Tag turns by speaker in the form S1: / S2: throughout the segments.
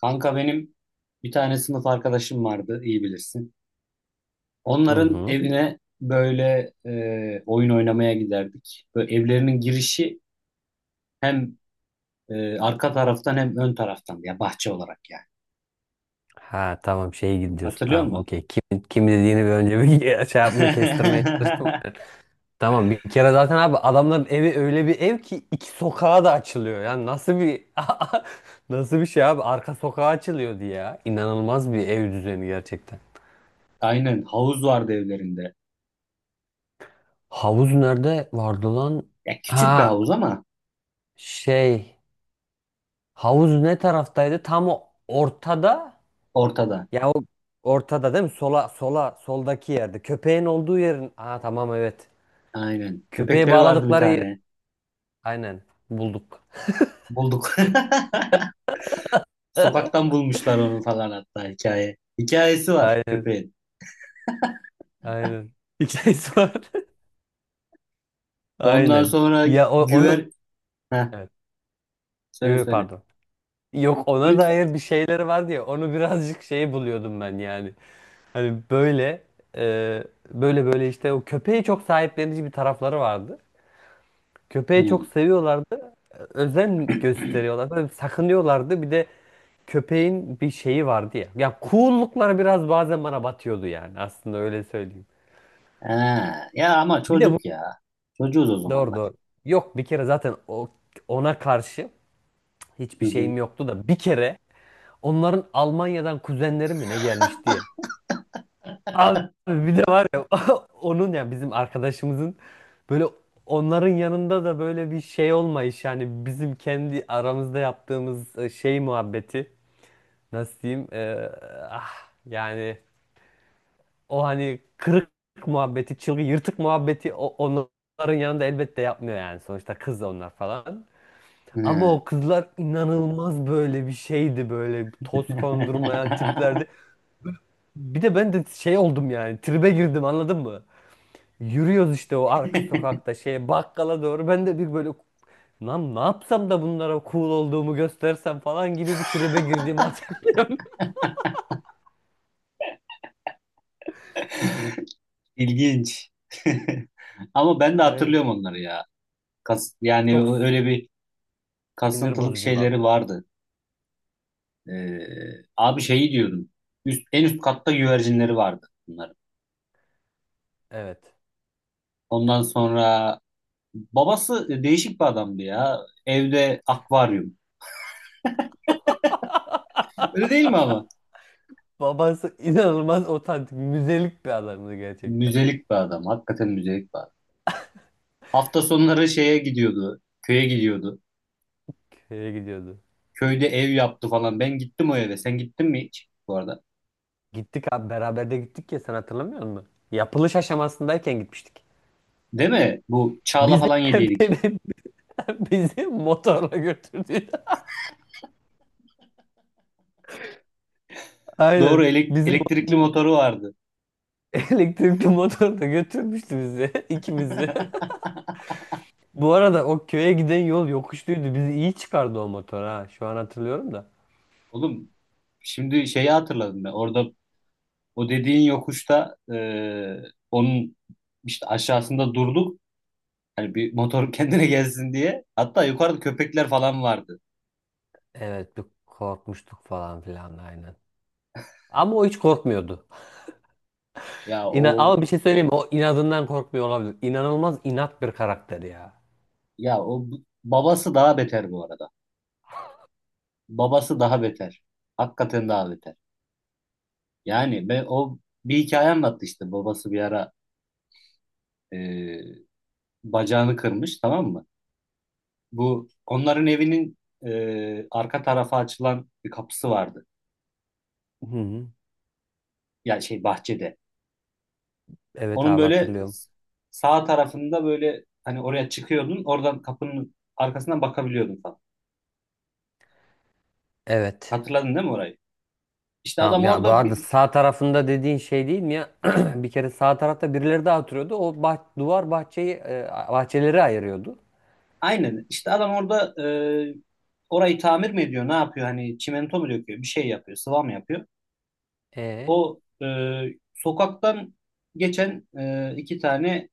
S1: Kanka benim bir tane sınıf arkadaşım vardı, iyi bilirsin.
S2: Hı
S1: Onların
S2: hı.
S1: evine böyle oyun oynamaya giderdik. Böyle evlerinin girişi hem arka taraftan hem ön taraftan ya bahçe olarak yani.
S2: Ha tamam şeye gidiyorsun,
S1: Hatırlıyor
S2: tamam,
S1: musun?
S2: okey. Kim dediğini bir önce bir şey yapma, kestirmeye çalıştım. Tamam, bir kere zaten abi adamların evi öyle bir ev ki iki sokağa da açılıyor. Yani nasıl bir nasıl bir şey abi, arka sokağa açılıyordu ya. İnanılmaz bir ev düzeni gerçekten.
S1: Aynen, havuz vardı evlerinde.
S2: Havuz nerede vardı lan?
S1: Ya küçük bir
S2: Ha,
S1: havuz ama
S2: şey, havuz ne taraftaydı? Tam o ortada.
S1: ortada.
S2: Ya o ortada değil mi? Sola, soldaki yerde. Köpeğin olduğu yerin. Ha tamam, evet.
S1: Aynen.
S2: Köpeği
S1: Köpekleri vardı bir
S2: bağladıkları yer.
S1: tane.
S2: Aynen. Bulduk.
S1: Bulduk. Sokaktan bulmuşlar onu falan hatta hikaye. Hikayesi var
S2: Aynen.
S1: köpeğin.
S2: Aynen. Hikayesi var.
S1: Ondan
S2: Aynen.
S1: sonra
S2: Ya onu
S1: güver. Heh.
S2: evet. Yo,
S1: Söyle
S2: yo,
S1: söyle.
S2: pardon. Yok, ona
S1: Lütfen.
S2: dair bir şeyleri var diye onu birazcık şey buluyordum ben yani. Hani böyle e, böyle işte, o köpeği çok sahiplenici bir tarafları vardı. Köpeği
S1: Hı.
S2: çok seviyorlardı. Özen gösteriyorlardı. Böyle sakınıyorlardı. Bir de köpeğin bir şeyi vardı ya. Ya coollukları biraz bazen bana batıyordu yani. Aslında öyle söyleyeyim.
S1: Ha. Ya ama
S2: Bir de bu
S1: çocuk ya. Çocuğuz o
S2: doğru,
S1: zamanlar.
S2: doğru. Yok, bir kere zaten ona karşı
S1: Hı
S2: hiçbir
S1: hı.
S2: şeyim yoktu da bir kere onların Almanya'dan kuzenleri mi ne gelmiş diye. Abi, bir de var ya onun ya bizim arkadaşımızın böyle onların yanında da böyle bir şey olmayış yani, bizim kendi aramızda yaptığımız şey muhabbeti, nasıl diyeyim, ah, yani o hani kırık muhabbeti, çılgın yırtık muhabbeti onların yanında elbette yapmıyor yani, sonuçta kız onlar falan. Ama
S1: Ha.
S2: o kızlar inanılmaz böyle bir şeydi, böyle toz kondurmayan tiplerdi. Bir de ben de şey oldum yani, tribe girdim, anladın mı? Yürüyoruz işte o arka sokakta şeye, bakkala doğru, ben de bir böyle lan ne yapsam da bunlara cool olduğumu göstersem falan gibi bir tribe girdiğimi hatırlıyorum.
S1: İlginç. Ama ben de
S2: Aynen.
S1: hatırlıyorum onları ya. Kas, yani
S2: Çok
S1: öyle bir
S2: sinir
S1: kasıntılık şeyleri
S2: bozuculardı.
S1: vardı. Ee, abi şeyi diyordum. Üst, en üst katta güvercinleri vardı bunların.
S2: Evet.
S1: Ondan sonra babası değişik bir adamdı ya. Evde akvaryum. Öyle değil mi ama?
S2: Babası inanılmaz otantik, müzelik bir adamdı gerçekten.
S1: Müzelik bir adam. Hakikaten müzelik bir adam. Hafta sonları şeye gidiyordu. Köye gidiyordu.
S2: Köye gidiyordu.
S1: Köyde ev yaptı falan. Ben gittim o eve. Sen gittin mi hiç bu arada?
S2: Gittik abi, beraber de gittik ya, sen hatırlamıyor musun? Yapılış aşamasındayken gitmiştik.
S1: Değil mi? Bu Çağla
S2: Bizi
S1: falan yediydik.
S2: beni- bizi motorla götürdü.
S1: Doğru
S2: Aynen. Bizi
S1: elektrikli
S2: mo-
S1: motoru vardı.
S2: elektrikli motorla götürmüştü bizi ikimizi. Bu arada o köye giden yol yokuşluydu. Bizi iyi çıkardı o motor ha. Şu an hatırlıyorum da.
S1: Oğlum, şimdi şeyi hatırladım ben. Orada o dediğin yokuşta onun işte aşağısında durduk. Hani bir motor kendine gelsin diye. Hatta yukarıda köpekler falan vardı.
S2: Evet, bir korkmuştuk falan filan, aynen. Ama o hiç korkmuyordu.
S1: Ya
S2: İna,
S1: o
S2: ama bir şey söyleyeyim mi? O inadından korkmuyor olabilir. İnanılmaz inat bir karakter ya.
S1: ya o babası daha beter bu arada. Babası daha beter. Hakikaten daha beter. Yani ben o bir hikaye anlattı, işte babası bir ara e, bacağını kırmış, tamam mı? Bu onların evinin arka tarafa açılan bir kapısı vardı.
S2: Hı hı.
S1: Yani şey, bahçede.
S2: Evet
S1: Onun
S2: abi,
S1: böyle
S2: hatırlıyorum.
S1: sağ tarafında böyle, hani oraya çıkıyordun, oradan kapının arkasından bakabiliyordun falan.
S2: Evet.
S1: Hatırladın değil mi orayı? İşte
S2: Tamam
S1: adam
S2: ya, bu
S1: orada
S2: arada
S1: bir-
S2: sağ tarafında dediğin şey değil mi ya? Bir kere sağ tarafta birileri daha oturuyordu. O bah duvar bahçeyi bahçeleri ayırıyordu.
S1: aynen işte adam orada, e, orayı tamir mi ediyor ne yapıyor, hani çimento mu döküyor, bir şey yapıyor, sıva mı yapıyor?
S2: E,
S1: O e, Sokaktan geçen iki tane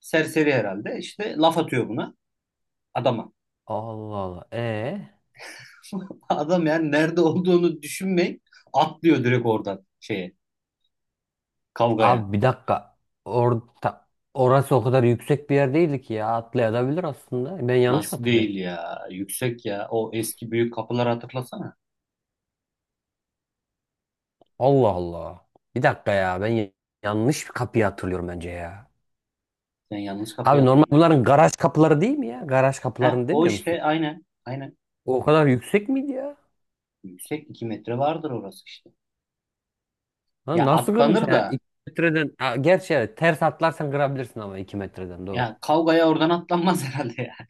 S1: serseri herhalde işte laf atıyor buna, adama.
S2: Allah Allah. E,
S1: Adam yani nerede olduğunu düşünmeyip atlıyor direkt oradan şeye, kavgaya.
S2: abi bir dakika. Orta orası o kadar yüksek bir yer değildi ki ya. Atlayabilir aslında. Ben yanlış mı
S1: Nasıl
S2: hatırlıyorum?
S1: değil ya yüksek ya, o eski büyük kapıları hatırlasana.
S2: Allah Allah. Bir dakika ya. Ben yanlış bir kapıyı hatırlıyorum bence ya.
S1: Sen yanlış kapıyı
S2: Abi normal
S1: hatırlıyorsun.
S2: bunların garaj kapıları değil mi ya? Garaj
S1: He,
S2: kapılarını
S1: o
S2: demiyor musun?
S1: işte aynen
S2: O kadar yüksek miydi ya?
S1: yüksek, 2 metre vardır orası işte.
S2: Lan,
S1: Ya
S2: nasıl kırmış
S1: atlanır
S2: yani
S1: da
S2: 2 metreden? Ha, gerçi evet, ters atlarsan kırabilirsin, ama 2 metreden
S1: ya
S2: doğru.
S1: kavgaya oradan atlanmaz herhalde ya.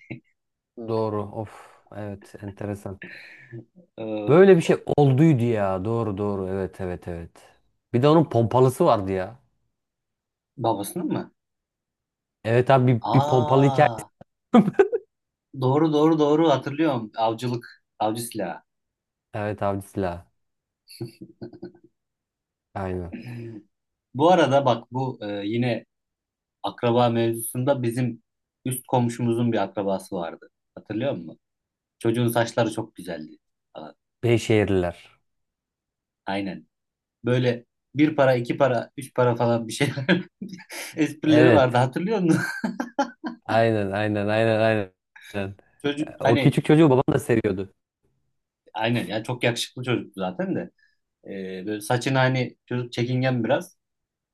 S2: Doğru, of, evet, enteresan.
S1: Ee,
S2: Böyle bir şey olduydu ya, doğru doğru, evet evet evet. Bir de onun pompalısı vardı ya.
S1: babasının mı?
S2: Evet abi, bir pompalı hikaye.
S1: Aa, doğru hatırlıyorum. Avcılık, avcı silahı.
S2: Evet abi, silah, aynen.
S1: Bu arada bak bu yine akraba mevzusunda bizim üst komşumuzun bir akrabası vardı. Hatırlıyor musun? Çocuğun saçları çok güzeldi falan.
S2: Beyşehirliler.
S1: Aynen. Böyle bir para, iki para, üç para falan bir şey esprileri vardı.
S2: Evet,
S1: Hatırlıyor musun?
S2: aynen aynen aynen aynen. Aynen.
S1: Çocuk
S2: O
S1: hani,
S2: küçük çocuğu babam da seviyordu.
S1: aynen ya çok yakışıklı çocuktu zaten de. E, böyle saçını hani, çocuk çekingen biraz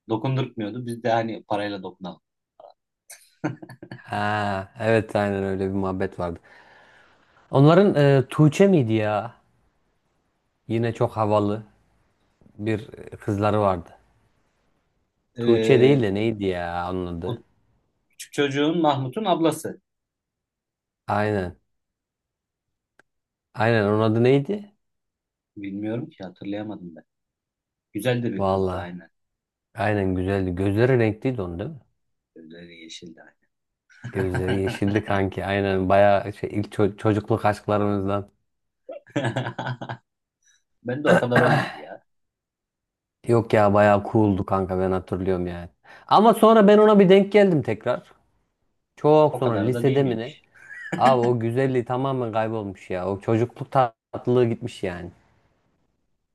S1: dokundurtmuyordu. Biz de hani parayla dokunalım.
S2: Ha evet, aynen öyle bir muhabbet vardı. Onların Tuğçe miydi ya? Yine çok havalı bir kızları vardı. Tuğçe değil
S1: E,
S2: de neydi ya onun
S1: o
S2: adı?
S1: küçük çocuğun Mahmut'un ablası.
S2: Aynen. Aynen, onun adı neydi?
S1: Bilmiyorum ki, hatırlayamadım ben. Güzel de bir kızdı
S2: Valla.
S1: aynen.
S2: Aynen, güzeldi. Gözleri renkliydi onun değil mi?
S1: Gözleri yeşildi aynen.
S2: Gözleri yeşildi kanki. Aynen, bayağı şey, ilk çocukluk aşklarımızdan.
S1: Ben de o kadar olmadı ya.
S2: Yok ya, bayağı cooldu kanka, ben hatırlıyorum yani. Ama sonra ben ona bir denk geldim tekrar. Çok
S1: O
S2: sonra
S1: kadar da değil
S2: lisede mi ne?
S1: miymiş?
S2: Abi, o güzelliği tamamen kaybolmuş ya. O çocukluk tatlılığı gitmiş yani.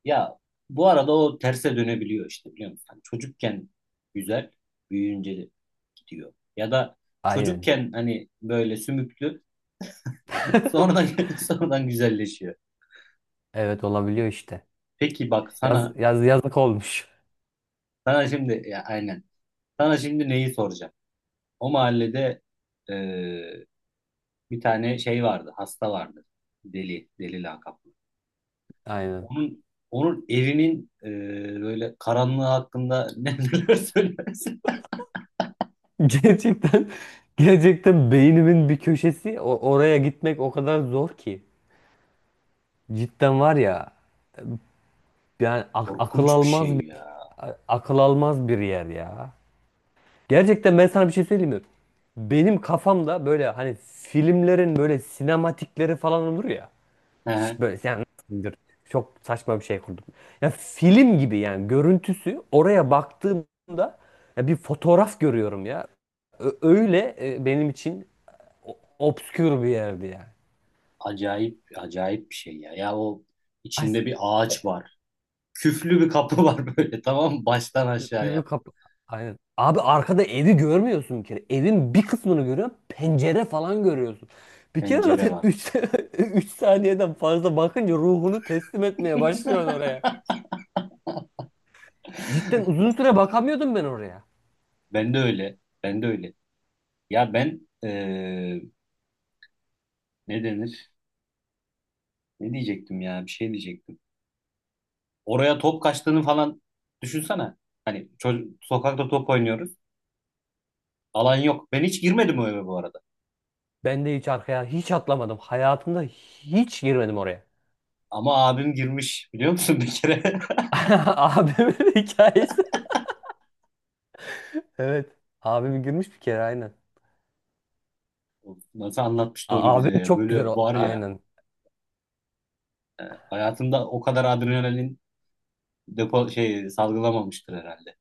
S1: Ya bu arada o terse dönebiliyor işte, biliyor musun? Hani çocukken güzel, büyüyünce de gidiyor. Ya da
S2: Aynen.
S1: çocukken hani böyle sümüklü, sonradan sonradan güzelleşiyor.
S2: Evet, olabiliyor işte.
S1: Peki bak sana
S2: Yazık olmuş.
S1: sana şimdi ya, aynen. Sana şimdi neyi soracağım? O mahallede bir tane şey vardı, hasta vardı. Deli, deli lakaplı.
S2: Aynen.
S1: Onun onun evinin, böyle karanlığı hakkında neler söylersin?
S2: Gerçekten, gerçekten beynimin bir köşesi oraya gitmek o kadar zor ki. Cidden var ya, yani akıl
S1: Korkunç bir
S2: almaz
S1: şey
S2: bir
S1: ya.
S2: akıl almaz bir yer ya. Gerçekten ben sana bir şey söyleyeyim mi? Benim kafamda böyle hani filmlerin böyle sinematikleri falan olur ya.
S1: Hı hı.
S2: Böyle yani nasıldır? Çok saçma bir şey kurdum. Ya film gibi yani, görüntüsü oraya baktığımda ya bir fotoğraf görüyorum ya. Öyle benim için obskür bir yerdi yani.
S1: Acayip, acayip bir şey ya. Ya o
S2: Ay,
S1: içinde bir ağaç var. Küflü bir kapı var böyle, tamam mı? Baştan aşağıya
S2: filmi kapı. Aynen. Abi arkada evi görmüyorsun bir kere. Evin bir kısmını görüyorsun. Pencere falan görüyorsun. Bir kere
S1: pencere
S2: zaten
S1: var.
S2: 3 saniyeden fazla bakınca ruhunu teslim etmeye başlıyorsun oraya. Cidden uzun süre bakamıyordum ben oraya.
S1: Ben de öyle. Ben de öyle. Ya ben, ne denir? Ne diyecektim ya? Bir şey diyecektim. Oraya top kaçtığını falan düşünsene. Hani çocuk, sokakta top oynuyoruz. Alan yok. Ben hiç girmedim o eve bu arada.
S2: Ben de hiç arkaya hiç atlamadım. Hayatımda hiç girmedim oraya.
S1: Ama abim girmiş, biliyor musun, bir kere?
S2: Abimin hikayesi. Evet. Abim girmiş bir kere, aynen.
S1: Nasıl anlatmıştı onu bize
S2: Abim
S1: ya.
S2: çok güzel
S1: Böyle
S2: o.
S1: var ya,
S2: Aynen.
S1: hayatında o kadar adrenalin depo şey salgılamamıştır herhalde.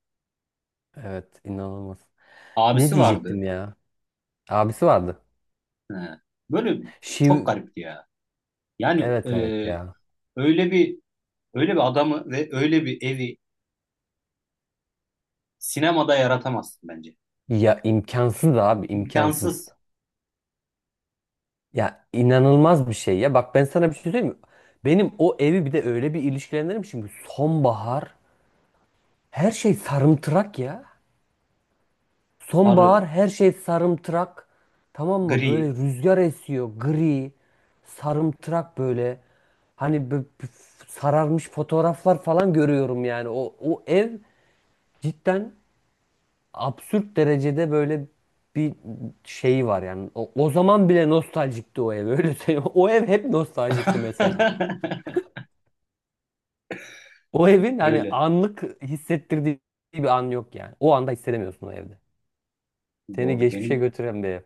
S2: Evet, inanılmaz. Ne
S1: Abisi vardı.
S2: diyecektim ya? Abisi vardı.
S1: He. Böyle çok
S2: Şiv,
S1: garipti ya. Yani
S2: evet evet ya.
S1: öyle bir öyle bir adamı ve öyle bir evi sinemada yaratamazsın bence.
S2: Ya imkansız abi, imkansız.
S1: İmkansız.
S2: Ya inanılmaz bir şey ya. Bak, ben sana bir şey söyleyeyim mi? Benim o evi bir de öyle bir ilişkilendirmişim ki, sonbahar, her şey sarımtırak ya.
S1: Sarı,
S2: Sonbahar, her şey sarımtırak. Tamam mı? Böyle
S1: gri.
S2: rüzgar esiyor, gri sarımtırak böyle. Hani sararmış fotoğraflar falan görüyorum yani. O ev cidden absürt derecede böyle bir şeyi var yani. O zaman bile nostaljikti o ev, öyle söyleyeyim. O ev hep nostaljikti mesela. O evin hani
S1: Öyle.
S2: anlık hissettirdiği bir an yok yani. O anda hissedemiyorsun o evde. Seni
S1: Doğru.
S2: geçmişe
S1: Benim
S2: götüren bir ev.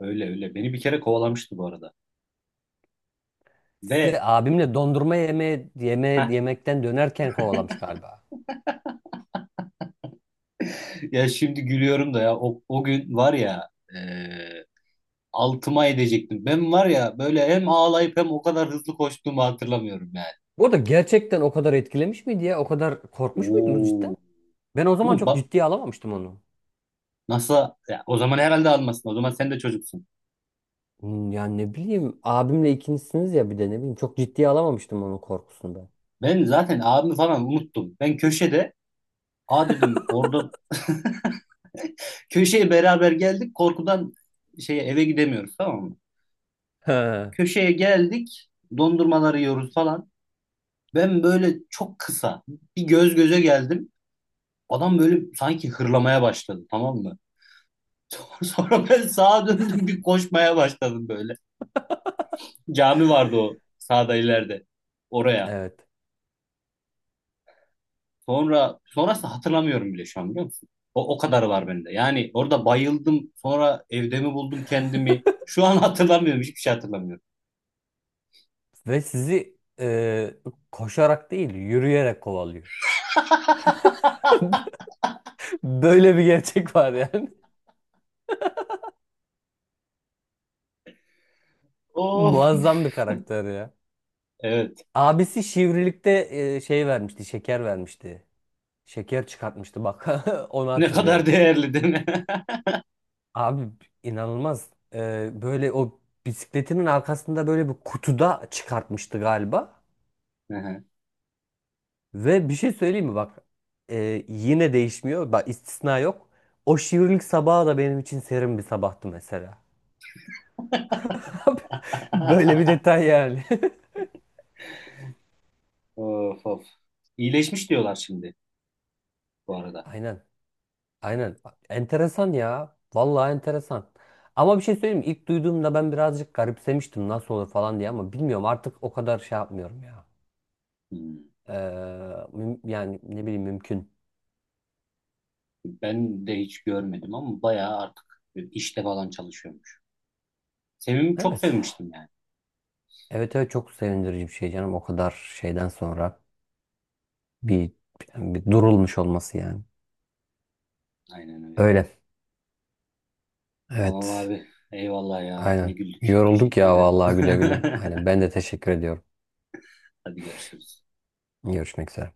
S1: öyle. Beni bir kere kovalamıştı bu arada.
S2: Sizi
S1: Ve
S2: abimle dondurma yemekten dönerken kovalamış galiba.
S1: ya şimdi gülüyorum da ya, o, o gün var ya, e, altıma edecektim. Ben var ya böyle hem ağlayıp hem o kadar hızlı koştuğumu hatırlamıyorum yani.
S2: Bu da gerçekten o kadar etkilemiş miydi ya? O kadar korkmuş muydunuz
S1: Oo.
S2: cidden? Ben o zaman
S1: Oğlum
S2: çok
S1: bak
S2: ciddiye alamamıştım onu.
S1: nasıl ya, o zaman herhalde almasın. O zaman sen de çocuksun.
S2: Hmm, yani ne bileyim, abimle ikincisiniz ya, bir de ne bileyim, çok ciddiye alamamıştım onun korkusunda.
S1: Ben zaten abimi falan unuttum. Ben köşede a dedim, orada köşeye beraber geldik. Korkudan şeye eve gidemiyoruz, tamam mı?
S2: Ha.
S1: Köşeye geldik. Dondurmaları yiyoruz falan. Ben böyle çok kısa bir göz göze geldim. Adam böyle sanki hırlamaya başladı, tamam mı? Sonra ben sağa döndüm, bir koşmaya başladım böyle. Cami vardı o sağda ileride, oraya.
S2: Evet.
S1: Sonrası hatırlamıyorum bile şu an, biliyor musun? O, o kadarı var bende. Yani orada bayıldım, sonra evde mi buldum kendimi? Şu an hatırlamıyorum, hiçbir şey hatırlamıyorum.
S2: Ve sizi koşarak değil, yürüyerek kovalıyor. Böyle bir gerçek var yani.
S1: Oh
S2: Muazzam bir karakter ya.
S1: evet,
S2: Abisi şivrilikte şeker vermişti. Şeker çıkartmıştı bak. Onu
S1: ne kadar
S2: hatırlıyorum.
S1: değerli değil mi?
S2: Abi inanılmaz. E, böyle o bisikletinin arkasında böyle bir kutuda çıkartmıştı galiba. Ve bir şey söyleyeyim mi bak, yine değişmiyor bak, istisna yok. O şiirlik sabahı da benim için serin bir sabahtı mesela. Böyle bir detay yani.
S1: Of of. İyileşmiş diyorlar şimdi bu arada.
S2: Aynen aynen, enteresan ya, vallahi enteresan. Ama bir şey söyleyeyim mi, ilk duyduğumda ben birazcık garipsemiştim, nasıl olur falan diye, ama bilmiyorum artık, o kadar şey yapmıyorum ya.
S1: Hmm.
S2: Ee, yani ne bileyim, mümkün.
S1: Ben de hiç görmedim ama bayağı artık işte falan çalışıyormuş. Sevim çok
S2: Evet.
S1: sevmiştim yani.
S2: Evet evet, çok sevindirici bir şey canım, o kadar şeyden sonra bir, yani bir durulmuş olması yani.
S1: Aynen öyle.
S2: Öyle.
S1: Tamam
S2: Evet.
S1: abi. Eyvallah ya. Ne
S2: Aynen.
S1: güldük.
S2: Yorulduk
S1: Teşekkür
S2: ya
S1: ederim.
S2: vallahi, güle güle. Aynen. Ben de teşekkür ediyorum.
S1: Hadi görüşürüz.
S2: Görüşmek üzere.